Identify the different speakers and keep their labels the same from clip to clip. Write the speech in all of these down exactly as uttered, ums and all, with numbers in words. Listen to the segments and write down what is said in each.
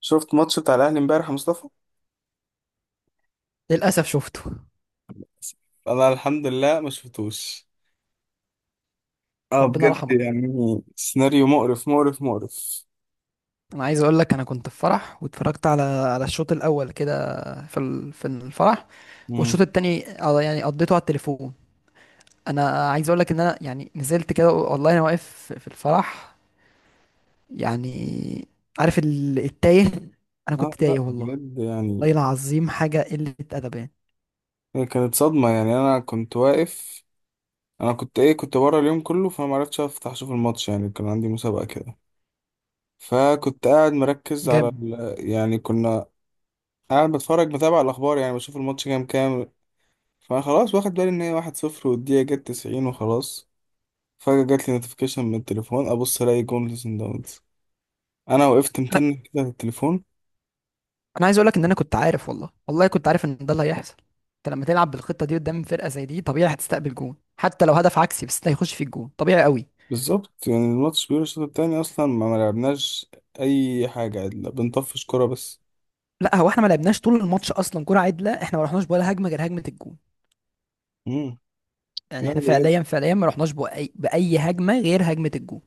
Speaker 1: شفت ماتش بتاع الاهلي امبارح يا مصطفى؟
Speaker 2: للأسف شفته.
Speaker 1: انا الحمد لله ما شفتوش. اه
Speaker 2: ربنا
Speaker 1: بجد،
Speaker 2: رحمه.
Speaker 1: يعني سيناريو مقرف مقرف مقرف.
Speaker 2: أنا عايز أقول لك أنا كنت في فرح واتفرجت على على الشوط الأول كده في ال- في الفرح. والشوط
Speaker 1: مم.
Speaker 2: التاني آه، يعني قضيته على التليفون. أنا عايز أقول لك إن أنا يعني نزلت كده، والله أنا واقف في في الفرح، يعني. عارف ال- التايه. أنا كنت
Speaker 1: اه لا
Speaker 2: تايه والله.
Speaker 1: بجد يعني،
Speaker 2: والله العظيم حاجة قلة أدب يعني.
Speaker 1: هي كانت صدمة. يعني انا كنت واقف، انا كنت ايه، كنت بره اليوم كله فما عرفتش افتح اشوف الماتش. يعني كان عندي مسابقة كده، فكنت قاعد مركز على
Speaker 2: جامد.
Speaker 1: ال... يعني كنا قاعد بتفرج بتابع الاخبار، يعني بشوف الماتش كام كام. فانا خلاص واخد بالي ان هي واحد صفر والدقيقة جت تسعين وخلاص. فجأة جات لي نوتيفيكيشن من التليفون، ابص الاقي جون سان داونز. انا وقفت
Speaker 2: أنا
Speaker 1: متنك كده على التليفون.
Speaker 2: أنا عايز أقول لك إن أنا كنت عارف، والله والله كنت عارف إن ده اللي هيحصل. أنت لما تلعب بالخطة دي قدام فرقة زي دي، طبيعي هتستقبل جون. حتى لو هدف عكسي، بس ده هيخش في الجون طبيعي قوي.
Speaker 1: بالظبط، يعني الماتش بيقول الشوط التاني اصلا ما ما لعبناش اي حاجة، لا بنطفش كرة بس.
Speaker 2: لا، هو احنا ما لعبناش طول الماتش اصلا كرة عدلة. احنا ما رحناش ولا هجمة غير هجمة الجون.
Speaker 1: امم
Speaker 2: يعني
Speaker 1: لا
Speaker 2: احنا
Speaker 1: بجد.
Speaker 2: فعليا فعليا ما رحناش بأي بأي هجمة غير هجمة الجون.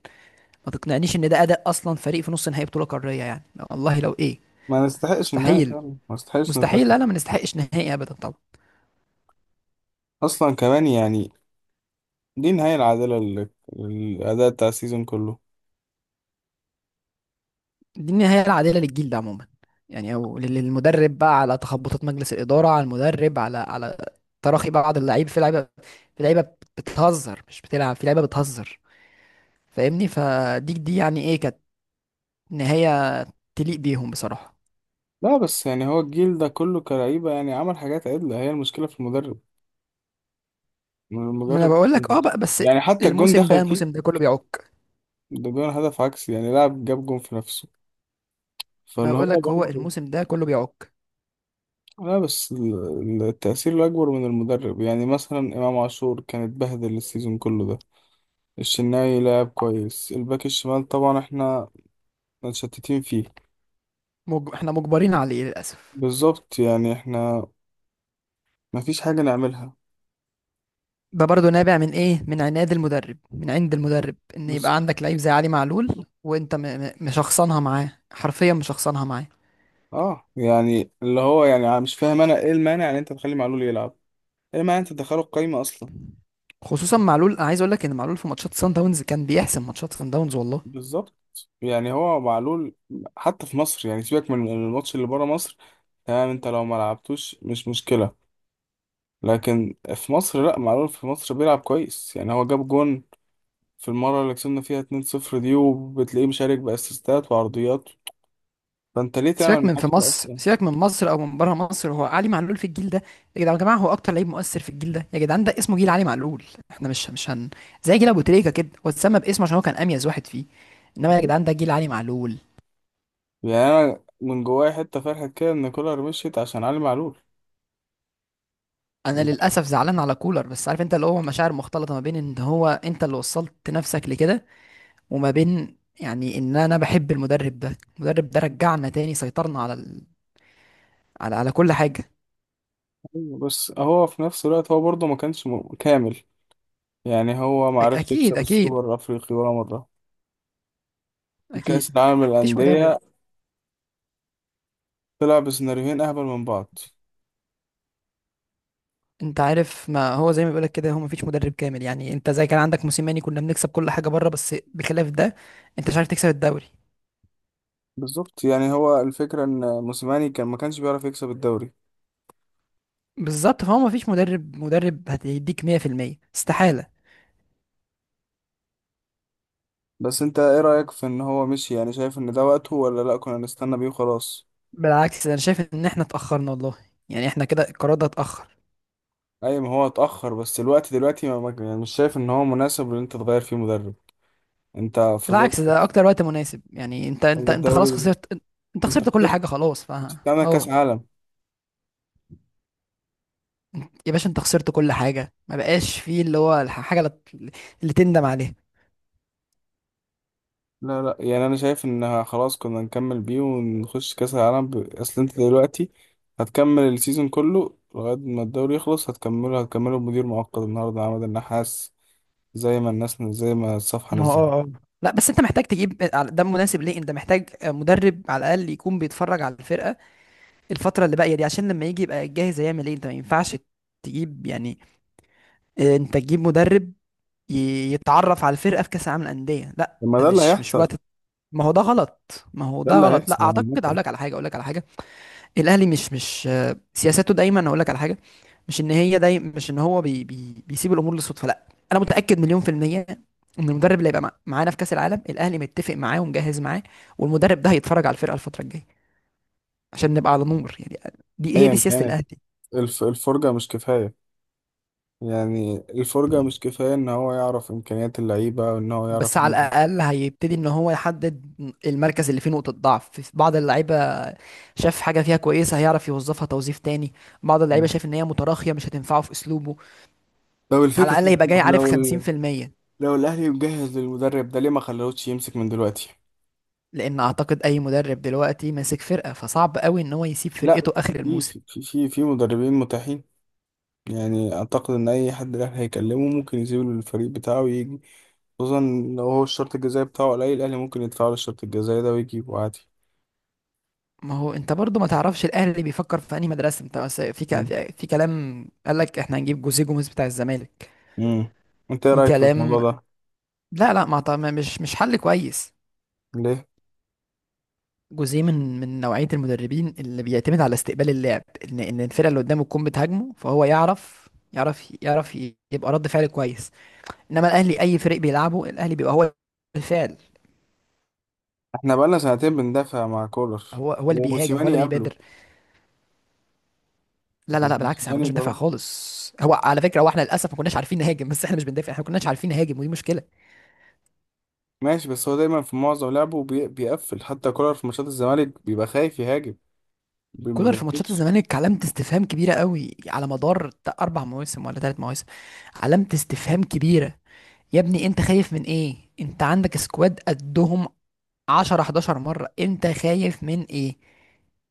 Speaker 2: ما تقنعنيش ان ده اداء اصلا فريق في نص نهائي بطولة قارية يعني. والله لو ايه.
Speaker 1: ما نستحقش النهاية،
Speaker 2: مستحيل.
Speaker 1: كمان ما نستحقش
Speaker 2: مستحيل،
Speaker 1: نتأخر.
Speaker 2: لا لا، ما نستحقش نهائي ابدا طبعا.
Speaker 1: اصلا كمان يعني دي النهاية العادلة لل- للأداء بتاع السيزون كله.
Speaker 2: دي النهاية العادلة للجيل ده عموما. يعني او لل- للمدرب بقى، على تخبطات مجلس الإدارة، على المدرب، على على تراخي بعض اللعيبة، في لعيبة، في لعيبة بتهزر مش بتلعب، في لعيبة بتهزر. فاهمني؟ فدي دي يعني ايه كانت نهاية تليق بيهم بصراحة.
Speaker 1: لا بس يعني هو الجيل ده كله كلعيبة يعني عمل حاجات عدلة، هي المشكلة في المدرب.
Speaker 2: ما انا
Speaker 1: المدرب،
Speaker 2: بقول لك، اه، بقى بس.
Speaker 1: يعني حتى الجون
Speaker 2: الموسم ده
Speaker 1: دخل فيه
Speaker 2: الموسم ده كله بيعك.
Speaker 1: ده جون هدف عكسي، يعني لاعب جاب جون في نفسه،
Speaker 2: ما أنا
Speaker 1: فاللي
Speaker 2: بقول
Speaker 1: هو
Speaker 2: لك هو
Speaker 1: برضه
Speaker 2: الموسم ده كله بيعك.
Speaker 1: لا بس ال- التأثير الأكبر من المدرب. يعني مثلا إمام عاشور كان اتبهدل السيزون كله ده. الشناوي لعب كويس، الباك الشمال طبعا احنا متشتتين فيه.
Speaker 2: مج... احنا مجبرين عليه للاسف.
Speaker 1: بالظبط، يعني احنا مفيش حاجة نعملها.
Speaker 2: ده برضو نابع من ايه؟ من عناد المدرب، من عند المدرب. ان يبقى
Speaker 1: بالظبط.
Speaker 2: عندك لعيب زي علي معلول وانت م... م... مشخصنها معاه، حرفيا مشخصنها معاه.
Speaker 1: اه يعني اللي هو، يعني مش فاهم انا ايه المانع ان انت تخلي معلول يلعب؟ ايه المانع إن انت تدخله القايمة اصلا؟
Speaker 2: خصوصا معلول، أنا عايز اقول لك ان معلول في ماتشات سان داونز كان بيحسم ماتشات سان داونز والله.
Speaker 1: بالظبط. يعني هو معلول حتى في مصر، يعني سيبك من الماتش اللي بره مصر، تمام، انت لو ما لعبتوش مش مشكلة. لكن في مصر لا، معلول في مصر بيلعب كويس، يعني هو جاب جون في المرة اللي كسبنا فيها اتنين صفر دي، وبتلاقيه مشارك بأسيستات وعرضيات. فأنت ليه تعمل
Speaker 2: سيبك من
Speaker 1: معاه
Speaker 2: في
Speaker 1: كده
Speaker 2: مصر،
Speaker 1: أصلا؟
Speaker 2: سيبك من مصر او من بره مصر، هو علي معلول في الجيل ده. يا جدعان يا جماعه، هو اكتر لعيب مؤثر في الجيل ده. يا جدعان، ده اسمه جيل علي معلول. احنا مش مش هن زي جيل ابو تريكه كده. هو اتسمى باسمه عشان هو كان اميز واحد فيه. انما يا جدعان، ده جيل علي معلول.
Speaker 1: يعني أنا من جوايا حتة فرحة كده إن كولر مشيت عشان علي معلول.
Speaker 2: انا للاسف زعلان على كولر، بس عارف انت اللي هو مشاعر مختلطه، ما بين ان هو انت اللي وصلت نفسك لكده، وما بين يعني ان انا بحب المدرب ده المدرب ده رجعنا تاني، سيطرنا على ال... على على كل حاجه.
Speaker 1: بس هو في نفس الوقت هو برضه ما كانش م- كامل. يعني هو ما
Speaker 2: أ-
Speaker 1: عرفش
Speaker 2: اكيد
Speaker 1: يكسب
Speaker 2: اكيد
Speaker 1: السوبر الأفريقي ولا مرة، كأس
Speaker 2: اكيد.
Speaker 1: العالم
Speaker 2: مفيش مدرب.
Speaker 1: للأندية طلع بسيناريوهين أهبل من بعض.
Speaker 2: انت عارف، ما هو زي ما بيقولك كده، هو مفيش مدرب كامل يعني. انت زي كان عندك موسيماني كنا بنكسب كل حاجه بره، بس بخلاف ده انت مش عارف تكسب الدوري.
Speaker 1: بالظبط، يعني هو الفكرة إن موسيماني كان ما كانش بيعرف يكسب الدوري.
Speaker 2: بالظبط، فهو مفيش مدرب مدرب هيديك مائة في المئة استحاله.
Speaker 1: بس انت ايه رأيك في ان هو مشي؟ يعني شايف ان ده وقته، ولا لا كنا نستنى بيه وخلاص؟
Speaker 2: بالعكس، انا شايف ان احنا اتاخرنا والله. يعني احنا كده القرار ده اتاخر.
Speaker 1: اي، ما هو اتأخر، بس الوقت دلوقتي ما ما- يعني مش شايف ان هو مناسب ان انت تغير فيه مدرب. انت فضلت.
Speaker 2: بالعكس، ده اكتر وقت مناسب. يعني انت انت
Speaker 1: هو
Speaker 2: انت خلاص
Speaker 1: الدوري،
Speaker 2: خسرت. انت
Speaker 1: انت
Speaker 2: خسرت كل حاجه
Speaker 1: خسرت،
Speaker 2: خلاص، ف،
Speaker 1: تعمل كاس
Speaker 2: اه،
Speaker 1: عالم؟
Speaker 2: يا باشا، انت خسرت كل حاجه. ما بقاش فيه اللي هو الح- الحاجه اللي اللي تندم عليها.
Speaker 1: لا لا، يعني انا شايف ان خلاص كنا نكمل بيه ونخش كاس العالم ب... اصل انت دلوقتي هتكمل السيزون كله لغاية ما الدوري يخلص، هتكمله هتكمله بمدير مؤقت النهارده عماد النحاس، زي ما الناس زي ما الصفحة
Speaker 2: ما هو،
Speaker 1: نزلت.
Speaker 2: اه اه، لا بس انت محتاج تجيب، ده مناسب ليه. انت محتاج مدرب على الاقل يكون بيتفرج على الفرقه الفتره اللي باقيه دي. عشان لما يجي يبقى جاهز. هيعمل ايه؟ انت ما ينفعش تجيب يعني، اه، انت تجيب مدرب ي- يتعرف على الفرقه في كاس العالم للانديه؟ لا،
Speaker 1: طب ما
Speaker 2: ده
Speaker 1: ده اللي
Speaker 2: مش مش
Speaker 1: هيحصل.
Speaker 2: وقت. ما هو ده غلط، ما هو
Speaker 1: ده
Speaker 2: ده
Speaker 1: اللي
Speaker 2: غلط. لا،
Speaker 1: هيحصل
Speaker 2: اعتقد اقول
Speaker 1: عامة.
Speaker 2: لك على حاجه، اقول لك على حاجه. الاهلي مش مش آه، سياساته دايما. اقول لك على حاجه: مش ان هي دايما، مش ان هو بي بي بيسيب الامور للصدفه، لا. انا متاكد مليون في الميه ان المدرب اللي هيبقى مع- معانا في كاس العالم، الاهلي متفق معاه ومجهز معاه، والمدرب ده هيتفرج على الفرقه الفتره الجايه عشان نبقى على نور يعني. دي هي دي
Speaker 1: ايا
Speaker 2: سياسه
Speaker 1: كانت
Speaker 2: الاهلي.
Speaker 1: الف- الفرجة مش كفاية. يعني الفرجة مش كفاية ان هو يعرف امكانيات اللعيبة وان هو يعرف.
Speaker 2: بس على الاقل هيبتدي ان هو يحدد المركز اللي فيه نقطه ضعف في بعض اللعيبه. شاف حاجه فيها كويسه هيعرف يوظفها توظيف تاني. بعض اللعيبه شايف ان هي متراخيه مش هتنفعه في اسلوبه.
Speaker 1: لو
Speaker 2: على
Speaker 1: الفكرة،
Speaker 2: الاقل يبقى جاي
Speaker 1: طب
Speaker 2: عارف
Speaker 1: لو ال...
Speaker 2: خمسين في الميه.
Speaker 1: لو الاهلي مجهز للمدرب ده ليه ما خلوش يمسك من دلوقتي؟
Speaker 2: لان اعتقد اي مدرب دلوقتي ماسك فرقه، فصعب قوي ان هو يسيب
Speaker 1: لا،
Speaker 2: فرقته اخر
Speaker 1: في
Speaker 2: الموسم.
Speaker 1: في في في في مدربين متاحين. يعني اعتقد ان اي حد الاهلي هيكلمه ممكن يسيب له الفريق بتاعه ويجي، خصوصا لو هو الشرط الجزائي بتاعه قليل الاهلي ممكن يدفع له الشرط الجزائي ده ويجيبه عادي.
Speaker 2: ما هو انت برضو ما تعرفش الاهلي بيفكر في انهي مدرسه. انت بس في ك...
Speaker 1: مم.
Speaker 2: في كلام قال لك احنا هنجيب جوزيه جوميز بتاع الزمالك.
Speaker 1: مم. انت ايه
Speaker 2: في
Speaker 1: رايك في
Speaker 2: كلام.
Speaker 1: الموضوع ده؟
Speaker 2: لا لا، ما أعت- ما- مش مش حل كويس.
Speaker 1: ليه؟
Speaker 2: جوزيه من من نوعيه المدربين اللي بيعتمد على استقبال اللعب. ان ان الفرقه اللي قدامه تكون بتهاجمه، فهو يعرف يعرف يعرف ي- يبقى رد فعل كويس. انما الاهلي، اي فريق بيلعبه الاهلي بيبقى هو الفعل.
Speaker 1: احنا بقالنا سنتين بندافع مع كولر
Speaker 2: هو هو اللي بيهاجم، هو اللي
Speaker 1: وموسيماني
Speaker 2: بيبادر.
Speaker 1: قبله.
Speaker 2: لا لا
Speaker 1: يعني
Speaker 2: لا، بالعكس، احنا ما كناش
Speaker 1: موسيماني
Speaker 2: بندافع
Speaker 1: برضه
Speaker 2: خالص. هو على فكره، هو احنا للاسف ما كناش عارفين نهاجم. بس احنا مش بندافع، احنا ما كناش عارفين نهاجم، ودي مشكله.
Speaker 1: ماشي، بس هو دايما في معظم لعبه بي- بيقفل. حتى كولر في ماتشات الزمالك بيبقى خايف يهاجم، بي- ما
Speaker 2: كولر في ماتشات
Speaker 1: بيعرفش
Speaker 2: الزمالك علامه استفهام كبيره قوي على مدار ت- اربع مواسم ولا ثلاث مواسم. علامه استفهام كبيره. يا ابني انت خايف من ايه؟ انت عندك سكواد قدهم عشر احداشر مره. انت خايف من ايه؟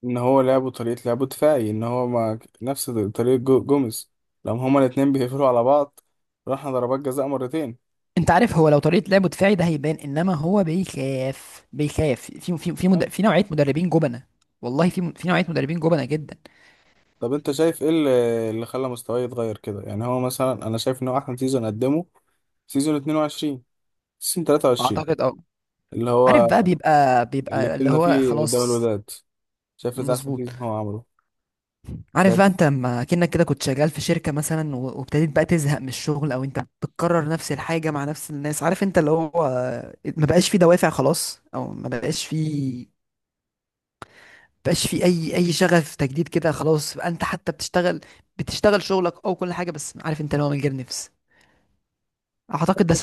Speaker 1: ان هو لعبه طريقة لعبه دفاعي، ان هو ما نفس طريقة جو- جوميز. لما هما الاتنين بيقفلوا على بعض راحنا ضربات جزاء مرتين.
Speaker 2: انت عارف، هو لو طريقه لعبه دفاعي ده هيبان، انما هو بيخاف. بيخاف في في في
Speaker 1: أه.
Speaker 2: مد... في نوعيه مدربين جبنه. والله في في نوعيه مدربين جبنه جدا.
Speaker 1: طب انت شايف ايه اللي اللي خلى مستواه يتغير كده؟ يعني هو مثلا انا شايف ان هو احسن سيزون قدمه سيزون اتنين وعشرين سيزون تلاتة وعشرين،
Speaker 2: اعتقد، اه،
Speaker 1: اللي
Speaker 2: عارف
Speaker 1: هو
Speaker 2: بقى، بيبقى
Speaker 1: اللي
Speaker 2: بيبقى اللي
Speaker 1: كنا
Speaker 2: هو
Speaker 1: فيه قدام
Speaker 2: خلاص.
Speaker 1: الوداد. شايف ده احسن
Speaker 2: مظبوط.
Speaker 1: سيزون هو عمله.
Speaker 2: عارف بقى،
Speaker 1: بس
Speaker 2: انت لما كأنك كده كنت شغال في شركة مثلا، و- وابتديت بقى تزهق من الشغل، او انت بتكرر نفس الحاجة مع نفس الناس. عارف انت اللي هو ما بقاش في دوافع خلاص، او ما بقاش في، بقاش في اي اي شغف تجديد كده. خلاص بقى انت حتى بتشتغل، بتشتغل شغلك او كل حاجة، بس عارف انت اللي هو من غير نفس. اعتقد ده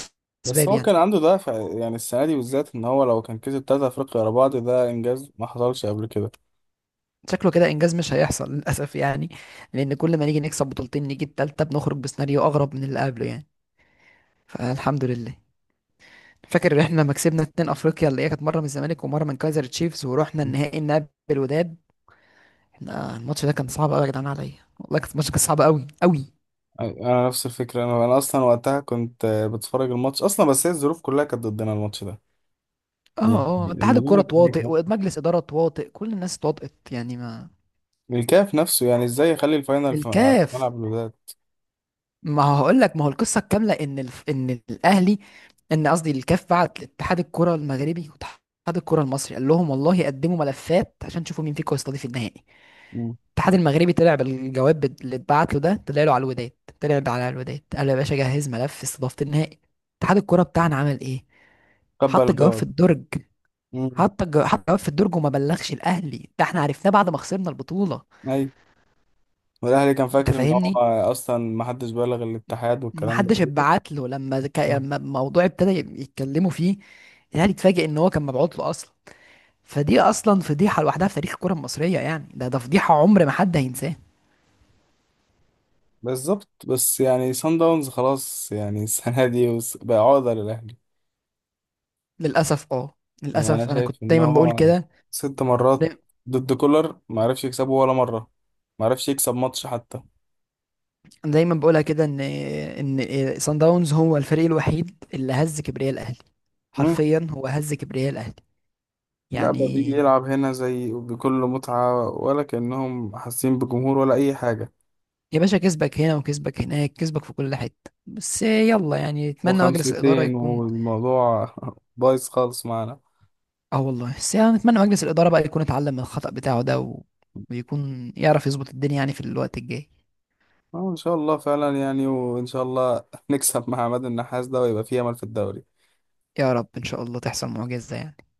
Speaker 1: بس
Speaker 2: اسباب
Speaker 1: هو
Speaker 2: يعني.
Speaker 1: كان عنده دافع، يعني السنه دي بالذات ان هو لو كان كسب تلاتة افريقيا ورا بعض ده انجاز ما حصلش قبل كده.
Speaker 2: شكله كده انجاز مش هيحصل للاسف يعني. لان كل ما نيجي نكسب بطولتين، نيجي التالتة بنخرج بسيناريو اغرب من اللي قبله يعني. فالحمد لله. فاكر ان احنا لما كسبنا اتنين افريقيا، اللي هي كانت مره من الزمالك ومره من كايزر تشيفز، ورحنا النهائي نقابل الوداد. احنا الماتش ده كان صعب قوي يا جدعان عليا. والله كان الماتش، كان صعب قوي قوي.
Speaker 1: أي- انا نفس الفكره. انا انا اصلا وقتها كنت آه، بتفرج الماتش اصلا، بس هي الظروف كلها كانت ضدنا الماتش ده.
Speaker 2: اه
Speaker 1: يعني
Speaker 2: اه آه. اتحاد
Speaker 1: الموضوع
Speaker 2: الكوره
Speaker 1: ده كان ليك
Speaker 2: تواطئ،
Speaker 1: حق.
Speaker 2: ومجلس اداره تواطئ، كل الناس اتواطئت يعني. ما
Speaker 1: الكاف نفسه يعني ازاي يخلي الفاينل في في
Speaker 2: الكاف،
Speaker 1: ملعب الوداد؟
Speaker 2: ما هقول لك. ما هو القصه الكامله ان الف... ان الاهلي، ان قصدي الكاف، بعت لاتحاد الكوره المغربي واتحاد الكوره المصري، قال لهم والله قدموا ملفات عشان تشوفوا مين فيكم هيستضيف النهائي.
Speaker 1: مم.
Speaker 2: الاتحاد المغربي طلع بالجواب بت- اللي اتبعت له ده، طلع له على الوداد، طلع له على الوداد. قال له يا باشا جهز ملف استضافة النهائي. اتحاد الكوره بتاعنا عمل ايه؟
Speaker 1: قبل
Speaker 2: حط الجواب في
Speaker 1: الجواب.
Speaker 2: الدرج.
Speaker 1: مم.
Speaker 2: حط الجو... حط الجواب في الدرج وما بلغش الاهلي. ده احنا عرفناه بعد ما خسرنا البطوله.
Speaker 1: ايوه. والاهلي كان
Speaker 2: انت
Speaker 1: فاكر ان هو
Speaker 2: فاهمني؟
Speaker 1: اصلا ما حدش بلغ الاتحاد
Speaker 2: ما
Speaker 1: والكلام ده
Speaker 2: حدش اتبعت له. لما ك...
Speaker 1: كله.
Speaker 2: لما الموضوع ابتدى يتكلموا فيه، الاهلي اتفاجئ ان هو كان مبعوت له اصلا. فدي اصلا فضيحه لوحدها في تاريخ الكره المصريه يعني. ده ده فضيحه عمر ما حد هينساه.
Speaker 1: بالظبط. بس يعني سان داونز خلاص يعني السنة دي وس- بقى عقدة للأهلي.
Speaker 2: للاسف، اه،
Speaker 1: يعني أنا
Speaker 2: للاسف. انا كنت
Speaker 1: شايف إن
Speaker 2: دايما بقول
Speaker 1: هو
Speaker 2: كده،
Speaker 1: ست مرات ضد كولر ما عرفش يكسبه ولا مرة، ما عرفش يكسب ماتش حتى.
Speaker 2: دايما بقولها كده، ان ان صن داونز هو الفريق الوحيد اللي هز كبرياء الاهلي.
Speaker 1: مم.
Speaker 2: حرفيا هو هز كبرياء الاهلي
Speaker 1: لا بقى بيجي
Speaker 2: يعني.
Speaker 1: يلعب هنا زي بكل متعة ولا كأنهم حاسين بجمهور ولا أي حاجة.
Speaker 2: يا باشا كسبك هنا وكسبك هناك، كسبك في كل حته. بس يلا، يعني
Speaker 1: هو
Speaker 2: نتمنى مجلس الاداره
Speaker 1: خمستين
Speaker 2: يكون،
Speaker 1: والموضوع بايظ خالص معانا.
Speaker 2: اه والله، بس يعني نتمنى مجلس الاداره بقى يكون اتعلم من الخطأ بتاعه ده، و... ويكون يعرف يظبط الدنيا يعني في الوقت الجاي.
Speaker 1: اه ان شاء الله فعلا، يعني وان شاء الله نكسب مع عماد النحاس ده ويبقى في امل في الدوري.
Speaker 2: يا رب ان شاء الله تحصل معجزه يعني.